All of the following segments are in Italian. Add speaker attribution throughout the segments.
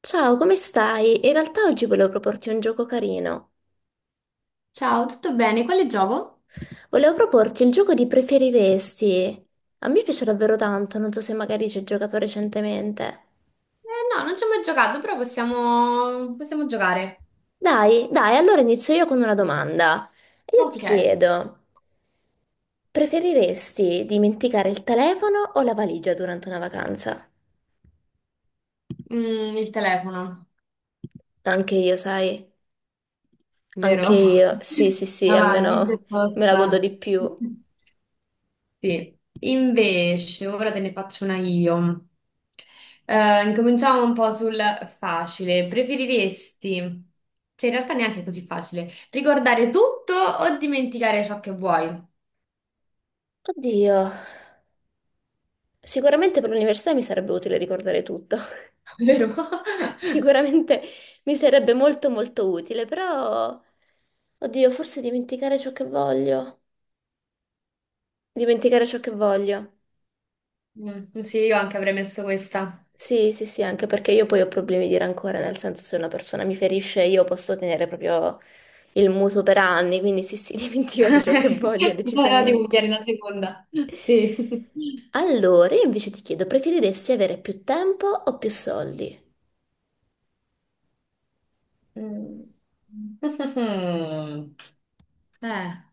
Speaker 1: Ciao, come stai? In realtà oggi volevo proporti un gioco carino.
Speaker 2: Ciao, tutto bene? Quale gioco?
Speaker 1: Volevo proporti il gioco di preferiresti. A me piace davvero tanto, non so se magari ci hai giocato recentemente.
Speaker 2: Eh no, non ci ho mai giocato, però possiamo, giocare.
Speaker 1: Dai, allora inizio io con una domanda. E io ti
Speaker 2: Ok.
Speaker 1: chiedo, preferiresti dimenticare il telefono o la valigia durante una vacanza?
Speaker 2: Mm, il telefono,
Speaker 1: Anche io, sai,
Speaker 2: vero?
Speaker 1: anche io. Sì, sì, sì,
Speaker 2: Avanti, già
Speaker 1: almeno me la godo di
Speaker 2: posta.
Speaker 1: più.
Speaker 2: Sì. Invece, ora te ne faccio una io. Incominciamo un po' sul facile. Preferiresti, cioè in realtà neanche così facile, ricordare tutto o dimenticare ciò che vuoi?
Speaker 1: Oddio, sicuramente per l'università mi sarebbe utile ricordare tutto.
Speaker 2: Vero?
Speaker 1: Sicuramente mi sarebbe molto molto utile, però, oddio, forse dimenticare ciò che voglio. Dimenticare ciò che voglio.
Speaker 2: Mm, sì, io anche avrei messo questa.
Speaker 1: Sì, sì, sì, anche perché io poi ho problemi di rancore, nel senso se una persona mi ferisce io posso tenere proprio il muso per anni, quindi sì, sì, dimenticare ciò che voglio,
Speaker 2: Allora devo
Speaker 1: decisamente.
Speaker 2: pigliare una seconda. Sì.
Speaker 1: Allora, io invece ti chiedo, preferiresti avere più tempo o più soldi?
Speaker 2: Mm. Mhm. Eh,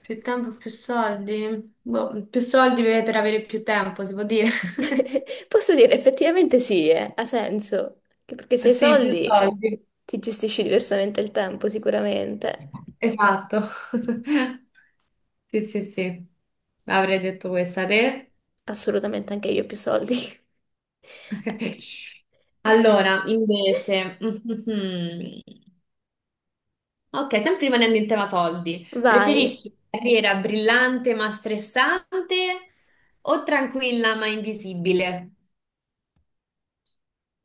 Speaker 2: Più tempo, più soldi. Boh, più soldi per, avere più tempo, si può dire.
Speaker 1: Posso dire, effettivamente sì, ha senso. Che Perché se hai
Speaker 2: Sì, più
Speaker 1: soldi
Speaker 2: soldi.
Speaker 1: ti gestisci diversamente il tempo, sicuramente.
Speaker 2: Esatto. Sì, sì, sì. Avrei detto questa te.
Speaker 1: Assolutamente, anche io ho più soldi.
Speaker 2: Allora, invece, ok, sempre rimanendo in tema soldi,
Speaker 1: Vai.
Speaker 2: preferisci una carriera brillante ma stressante o tranquilla ma invisibile?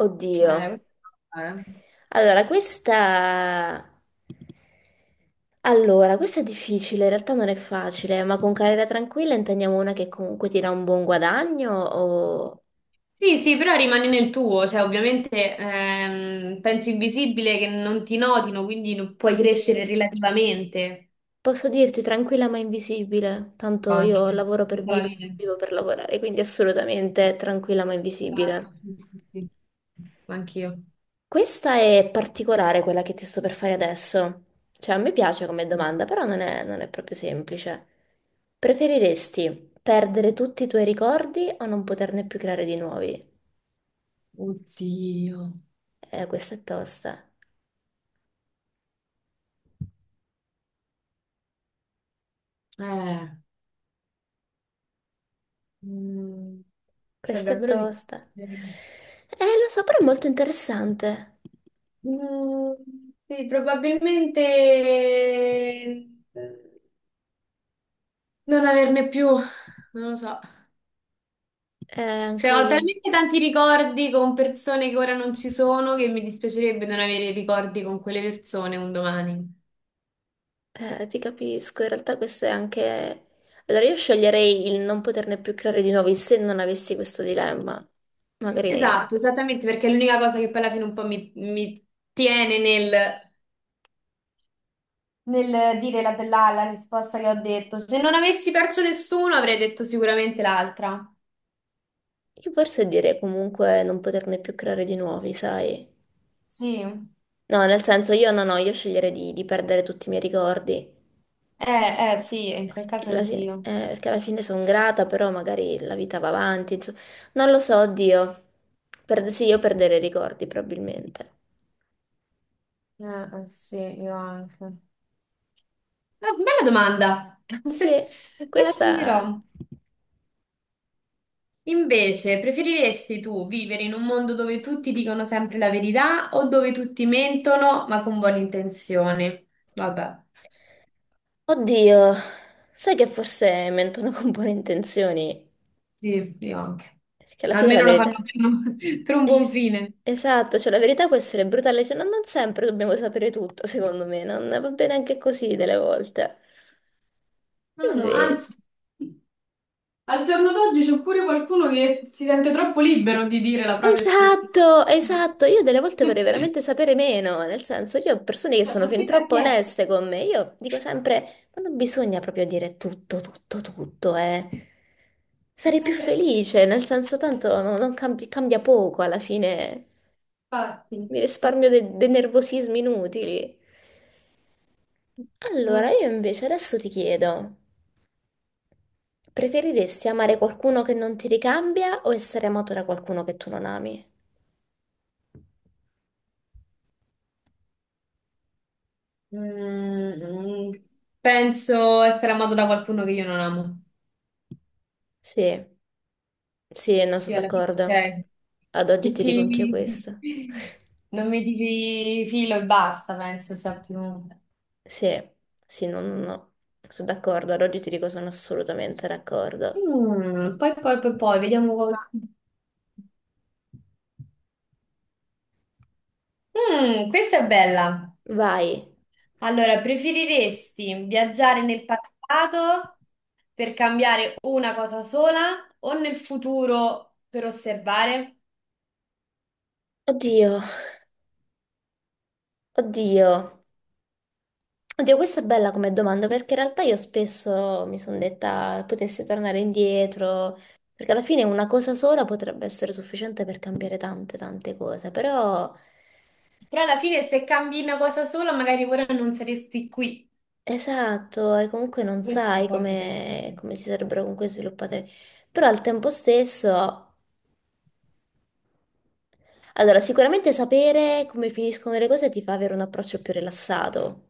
Speaker 1: Oddio.
Speaker 2: Eh, eh.
Speaker 1: Allora, questa... Allora, questa è difficile, in realtà non è facile, ma con carriera tranquilla intendiamo una che comunque ti dà un buon guadagno o...
Speaker 2: Sì, sì, però rimani nel tuo, cioè ovviamente penso invisibile che non ti notino, quindi non puoi
Speaker 1: Sì.
Speaker 2: crescere relativamente.
Speaker 1: Posso dirti tranquilla ma invisibile, tanto
Speaker 2: Ok.
Speaker 1: io lavoro per
Speaker 2: Tutta la
Speaker 1: vivere, non
Speaker 2: vita.
Speaker 1: vivo per lavorare, quindi assolutamente tranquilla ma invisibile.
Speaker 2: Esatto, sì, sì, sì. Anch'io.
Speaker 1: Questa è particolare quella che ti sto per fare adesso. Cioè, a me piace come domanda, però non è proprio semplice. Preferiresti perdere tutti i tuoi ricordi o non poterne più creare di nuovi?
Speaker 2: Oddio.
Speaker 1: Questa è tosta.
Speaker 2: Eh. Mm, cioè,
Speaker 1: Questa è
Speaker 2: davvero
Speaker 1: tosta.
Speaker 2: difficile.
Speaker 1: Lo so, però è molto interessante.
Speaker 2: Mm, sì, probabilmente non averne più, non lo so. Cioè,
Speaker 1: Anche
Speaker 2: ho
Speaker 1: io.
Speaker 2: talmente tanti ricordi con persone che ora non ci sono che mi dispiacerebbe non avere ricordi con quelle persone un domani.
Speaker 1: Ti capisco, in realtà questo è anche... Allora io sceglierei il non poterne più creare di nuovi se non avessi questo dilemma. Magari...
Speaker 2: Esatto, esattamente, perché è l'unica cosa che poi alla fine un po' mi tiene nel dire la risposta che ho detto. Se non avessi perso nessuno, avrei detto sicuramente l'altra.
Speaker 1: Io forse direi comunque non poterne più creare di nuovi, sai?
Speaker 2: Sì,
Speaker 1: No, nel senso io no, no, io sceglierei di perdere tutti i miei ricordi.
Speaker 2: sì, in quel caso anch'io.
Speaker 1: Perché alla fine sono grata, però magari la vita va avanti, insomma. Non lo so, oddio. Sì, io perderei i ricordi probabilmente.
Speaker 2: Eh, sì, io anche. Ah, bella domanda.
Speaker 1: Sì,
Speaker 2: Me la
Speaker 1: questa...
Speaker 2: segnerò. Invece, preferiresti tu vivere in un mondo dove tutti dicono sempre la verità o dove tutti mentono ma con buone intenzioni? Vabbè,
Speaker 1: Oddio, sai che forse mentono con buone intenzioni,
Speaker 2: sì, io anche.
Speaker 1: perché alla fine la
Speaker 2: Almeno lo fanno
Speaker 1: verità...
Speaker 2: per un, per un buon
Speaker 1: es-
Speaker 2: fine.
Speaker 1: esatto, cioè la verità può essere brutale, cioè non sempre dobbiamo sapere tutto, secondo me, non va bene anche così delle volte.
Speaker 2: No, no,
Speaker 1: Invece,
Speaker 2: anzi, al giorno d'oggi c'è pure qualcuno che si sente troppo libero di dire la propria espressione.
Speaker 1: esatto,
Speaker 2: Quindi...
Speaker 1: esatto. Io delle volte vorrei veramente sapere meno, nel senso, io ho persone che
Speaker 2: Cioè,
Speaker 1: sono
Speaker 2: ma
Speaker 1: fin
Speaker 2: chi ti ha
Speaker 1: troppo
Speaker 2: chiesto?
Speaker 1: oneste con me. Io dico sempre, ma non bisogna proprio dire tutto, tutto, tutto, eh. Sarei più felice, nel senso, tanto no- non cambi- cambia poco alla fine.
Speaker 2: Infatti.
Speaker 1: Mi risparmio dei nervosismi inutili. Allora,
Speaker 2: Mm,
Speaker 1: io invece adesso ti chiedo, preferiresti amare qualcuno che non ti ricambia o essere amato da qualcuno che tu non ami?
Speaker 2: mm, Penso essere amato da qualcuno che io non amo.
Speaker 1: Sì. Sì, no,
Speaker 2: Sì,
Speaker 1: sono
Speaker 2: alla fine,
Speaker 1: d'accordo.
Speaker 2: cioè,
Speaker 1: Ad oggi
Speaker 2: che
Speaker 1: ti dico anch'io
Speaker 2: ti...
Speaker 1: questo.
Speaker 2: non mi dici filo e basta, penso sia più...
Speaker 1: Sì, sì, no, no, no. Sono d'accordo, ad oggi ti dico sono assolutamente d'accordo.
Speaker 2: Mm, poi, poi, poi, poi, vediamo come... Mm, questa è bella.
Speaker 1: Vai.
Speaker 2: Allora, preferiresti viaggiare nel passato per cambiare una cosa sola o nel futuro per osservare?
Speaker 1: Oddio, oddio. Oddio, questa è bella come domanda perché in realtà io spesso mi sono detta potessi tornare indietro, perché alla fine una cosa sola potrebbe essere sufficiente per cambiare tante, tante cose, però...
Speaker 2: Però alla fine se cambi una cosa sola, magari ora non saresti qui.
Speaker 1: Esatto, e comunque non
Speaker 2: Questo è un
Speaker 1: sai
Speaker 2: po' il mio pensiero.
Speaker 1: come si sarebbero comunque sviluppate, però al tempo stesso, allora sicuramente sapere come finiscono le cose ti fa avere un approccio più rilassato.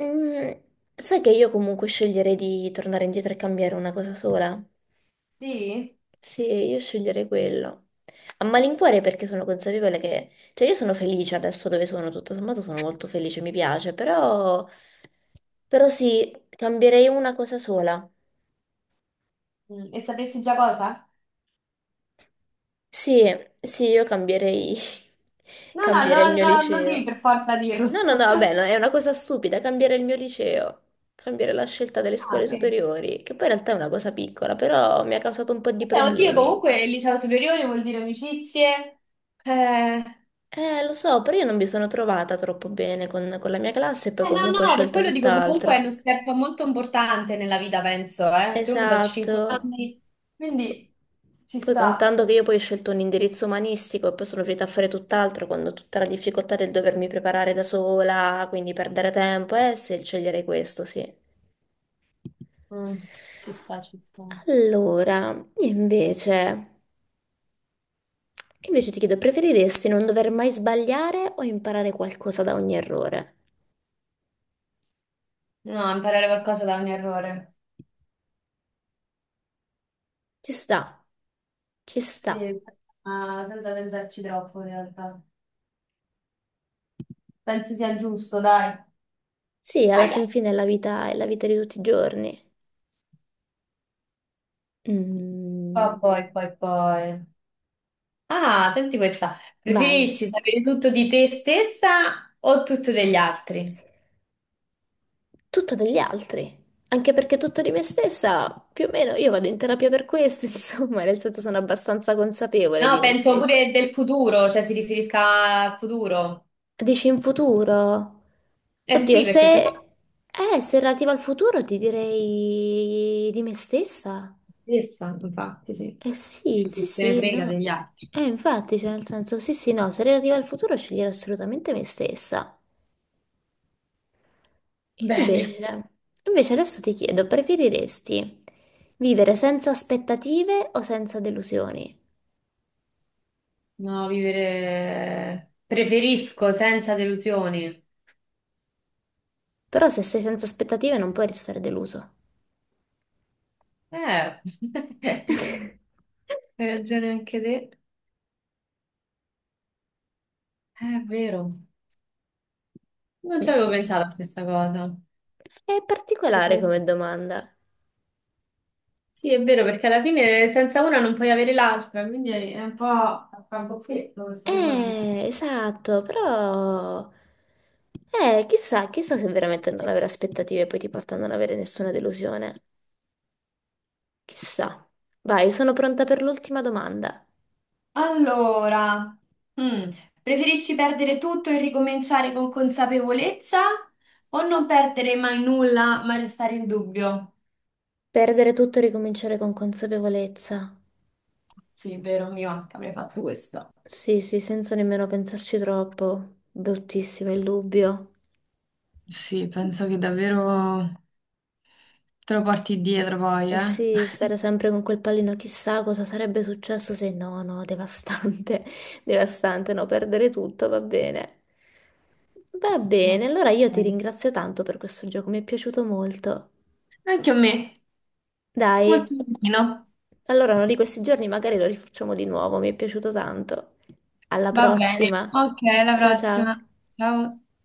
Speaker 1: Mm, sai che io comunque sceglierei di tornare indietro e cambiare una cosa sola?
Speaker 2: Sì?
Speaker 1: Sì, io sceglierei quello. A malincuore perché sono consapevole che, cioè io sono felice adesso dove sono, tutto sommato sono molto felice, mi piace, però, però sì, cambierei una cosa sola.
Speaker 2: Mm, e sapresti già cosa?
Speaker 1: Sì, sì, io cambierei,
Speaker 2: No, no,
Speaker 1: cambierei il
Speaker 2: no,
Speaker 1: mio
Speaker 2: no, non devi
Speaker 1: liceo.
Speaker 2: per forza dirlo.
Speaker 1: No, no, no, vabbè, no, è una cosa stupida, cambiare il mio liceo, cambiare la scelta delle
Speaker 2: Ah,
Speaker 1: scuole
Speaker 2: vedi.
Speaker 1: superiori, che poi in realtà è una cosa piccola, però mi ha causato un po' di
Speaker 2: Oddio,
Speaker 1: problemi.
Speaker 2: comunque il liceo superiore vuol dire amicizie. Eh,
Speaker 1: Lo so, però io non mi sono trovata troppo bene con la mia classe e poi
Speaker 2: no,
Speaker 1: comunque ho
Speaker 2: no, per
Speaker 1: scelto
Speaker 2: quello dico comunque è
Speaker 1: tutt'altro.
Speaker 2: uno step molto importante nella vita, penso, eh. Perché comunque sono
Speaker 1: Esatto.
Speaker 2: 5 anni, quindi ci
Speaker 1: Poi
Speaker 2: sta.
Speaker 1: contando che io poi ho scelto un indirizzo umanistico e poi sono finita a fare tutt'altro, quando tutta la difficoltà del dovermi preparare da sola, quindi perdere tempo, se sceglierei questo, sì.
Speaker 2: Mm, ci sta, ci sta.
Speaker 1: Allora, invece ti chiedo, preferiresti non dover mai sbagliare o imparare qualcosa da ogni errore?
Speaker 2: No, imparare qualcosa da un errore.
Speaker 1: Ci sta, ci sta.
Speaker 2: Sì, ma senza pensarci troppo in realtà. Penso sia il giusto, dai.
Speaker 1: Sì, alla
Speaker 2: Aia.
Speaker 1: fin fine è la vita di tutti i giorni.
Speaker 2: Poi,
Speaker 1: Mm,
Speaker 2: poi, poi, poi. Ah, senti questa.
Speaker 1: vai.
Speaker 2: Preferisci sapere tutto di te stessa o tutto degli altri?
Speaker 1: Tutto degli altri, anche perché tutto di me stessa, più o meno io vado in terapia per questo, insomma, nel senso sono abbastanza consapevole di
Speaker 2: No,
Speaker 1: me
Speaker 2: penso
Speaker 1: stessa.
Speaker 2: pure del futuro, cioè si riferisca al futuro.
Speaker 1: Dici in futuro?
Speaker 2: Eh
Speaker 1: Oddio,
Speaker 2: sì,
Speaker 1: se...
Speaker 2: perché sennò
Speaker 1: Se relativa al futuro ti direi di me stessa.
Speaker 2: stessa, infatti, sì.
Speaker 1: Eh sì,
Speaker 2: Ci
Speaker 1: sì,
Speaker 2: chi se ne
Speaker 1: sì,
Speaker 2: frega
Speaker 1: no.
Speaker 2: degli altri.
Speaker 1: Infatti, cioè nel senso, sì, sì, no, se relativa al futuro sceglierò assolutamente me stessa. E
Speaker 2: Bene.
Speaker 1: Invece, Invece adesso ti chiedo, preferiresti vivere senza aspettative o senza delusioni?
Speaker 2: No, vivere... preferisco senza delusioni.
Speaker 1: Però se sei senza aspettative non puoi restare deluso.
Speaker 2: Eh. Hai ragione anche te. È vero. Non ci avevo pensato a questa cosa.
Speaker 1: È particolare
Speaker 2: Eh,
Speaker 1: come domanda.
Speaker 2: Sì, è vero, perché alla fine senza una non puoi avere l'altra, quindi è un po' a capofitto questa domanda.
Speaker 1: Esatto, però... chissà, chissà se veramente non avere aspettative poi ti porta a non avere nessuna delusione. Chissà. Vai, sono pronta per l'ultima domanda.
Speaker 2: Allora, mm, preferisci perdere tutto e ricominciare con consapevolezza o non perdere mai nulla ma restare in dubbio?
Speaker 1: Perdere tutto e ricominciare con consapevolezza.
Speaker 2: Sì, è vero, mio anche avrei fatto questo.
Speaker 1: Sì, sì, senza nemmeno pensarci troppo. Bruttissimo il dubbio.
Speaker 2: Sì, penso che davvero te lo porti dietro poi,
Speaker 1: Eh
Speaker 2: eh?
Speaker 1: sì, stare sempre con quel pallino, chissà cosa sarebbe successo se no, no, devastante, devastante, no, perdere tutto, va bene. Va bene,
Speaker 2: No.
Speaker 1: allora io ti
Speaker 2: Ok.
Speaker 1: ringrazio tanto per questo gioco, mi è piaciuto molto.
Speaker 2: Anche a me,
Speaker 1: Dai,
Speaker 2: molto carino.
Speaker 1: allora uno di questi giorni magari lo rifacciamo di nuovo, mi è piaciuto tanto. Alla
Speaker 2: Va bene.
Speaker 1: prossima.
Speaker 2: Ok, alla
Speaker 1: Ciao ciao.
Speaker 2: prossima. Ciao.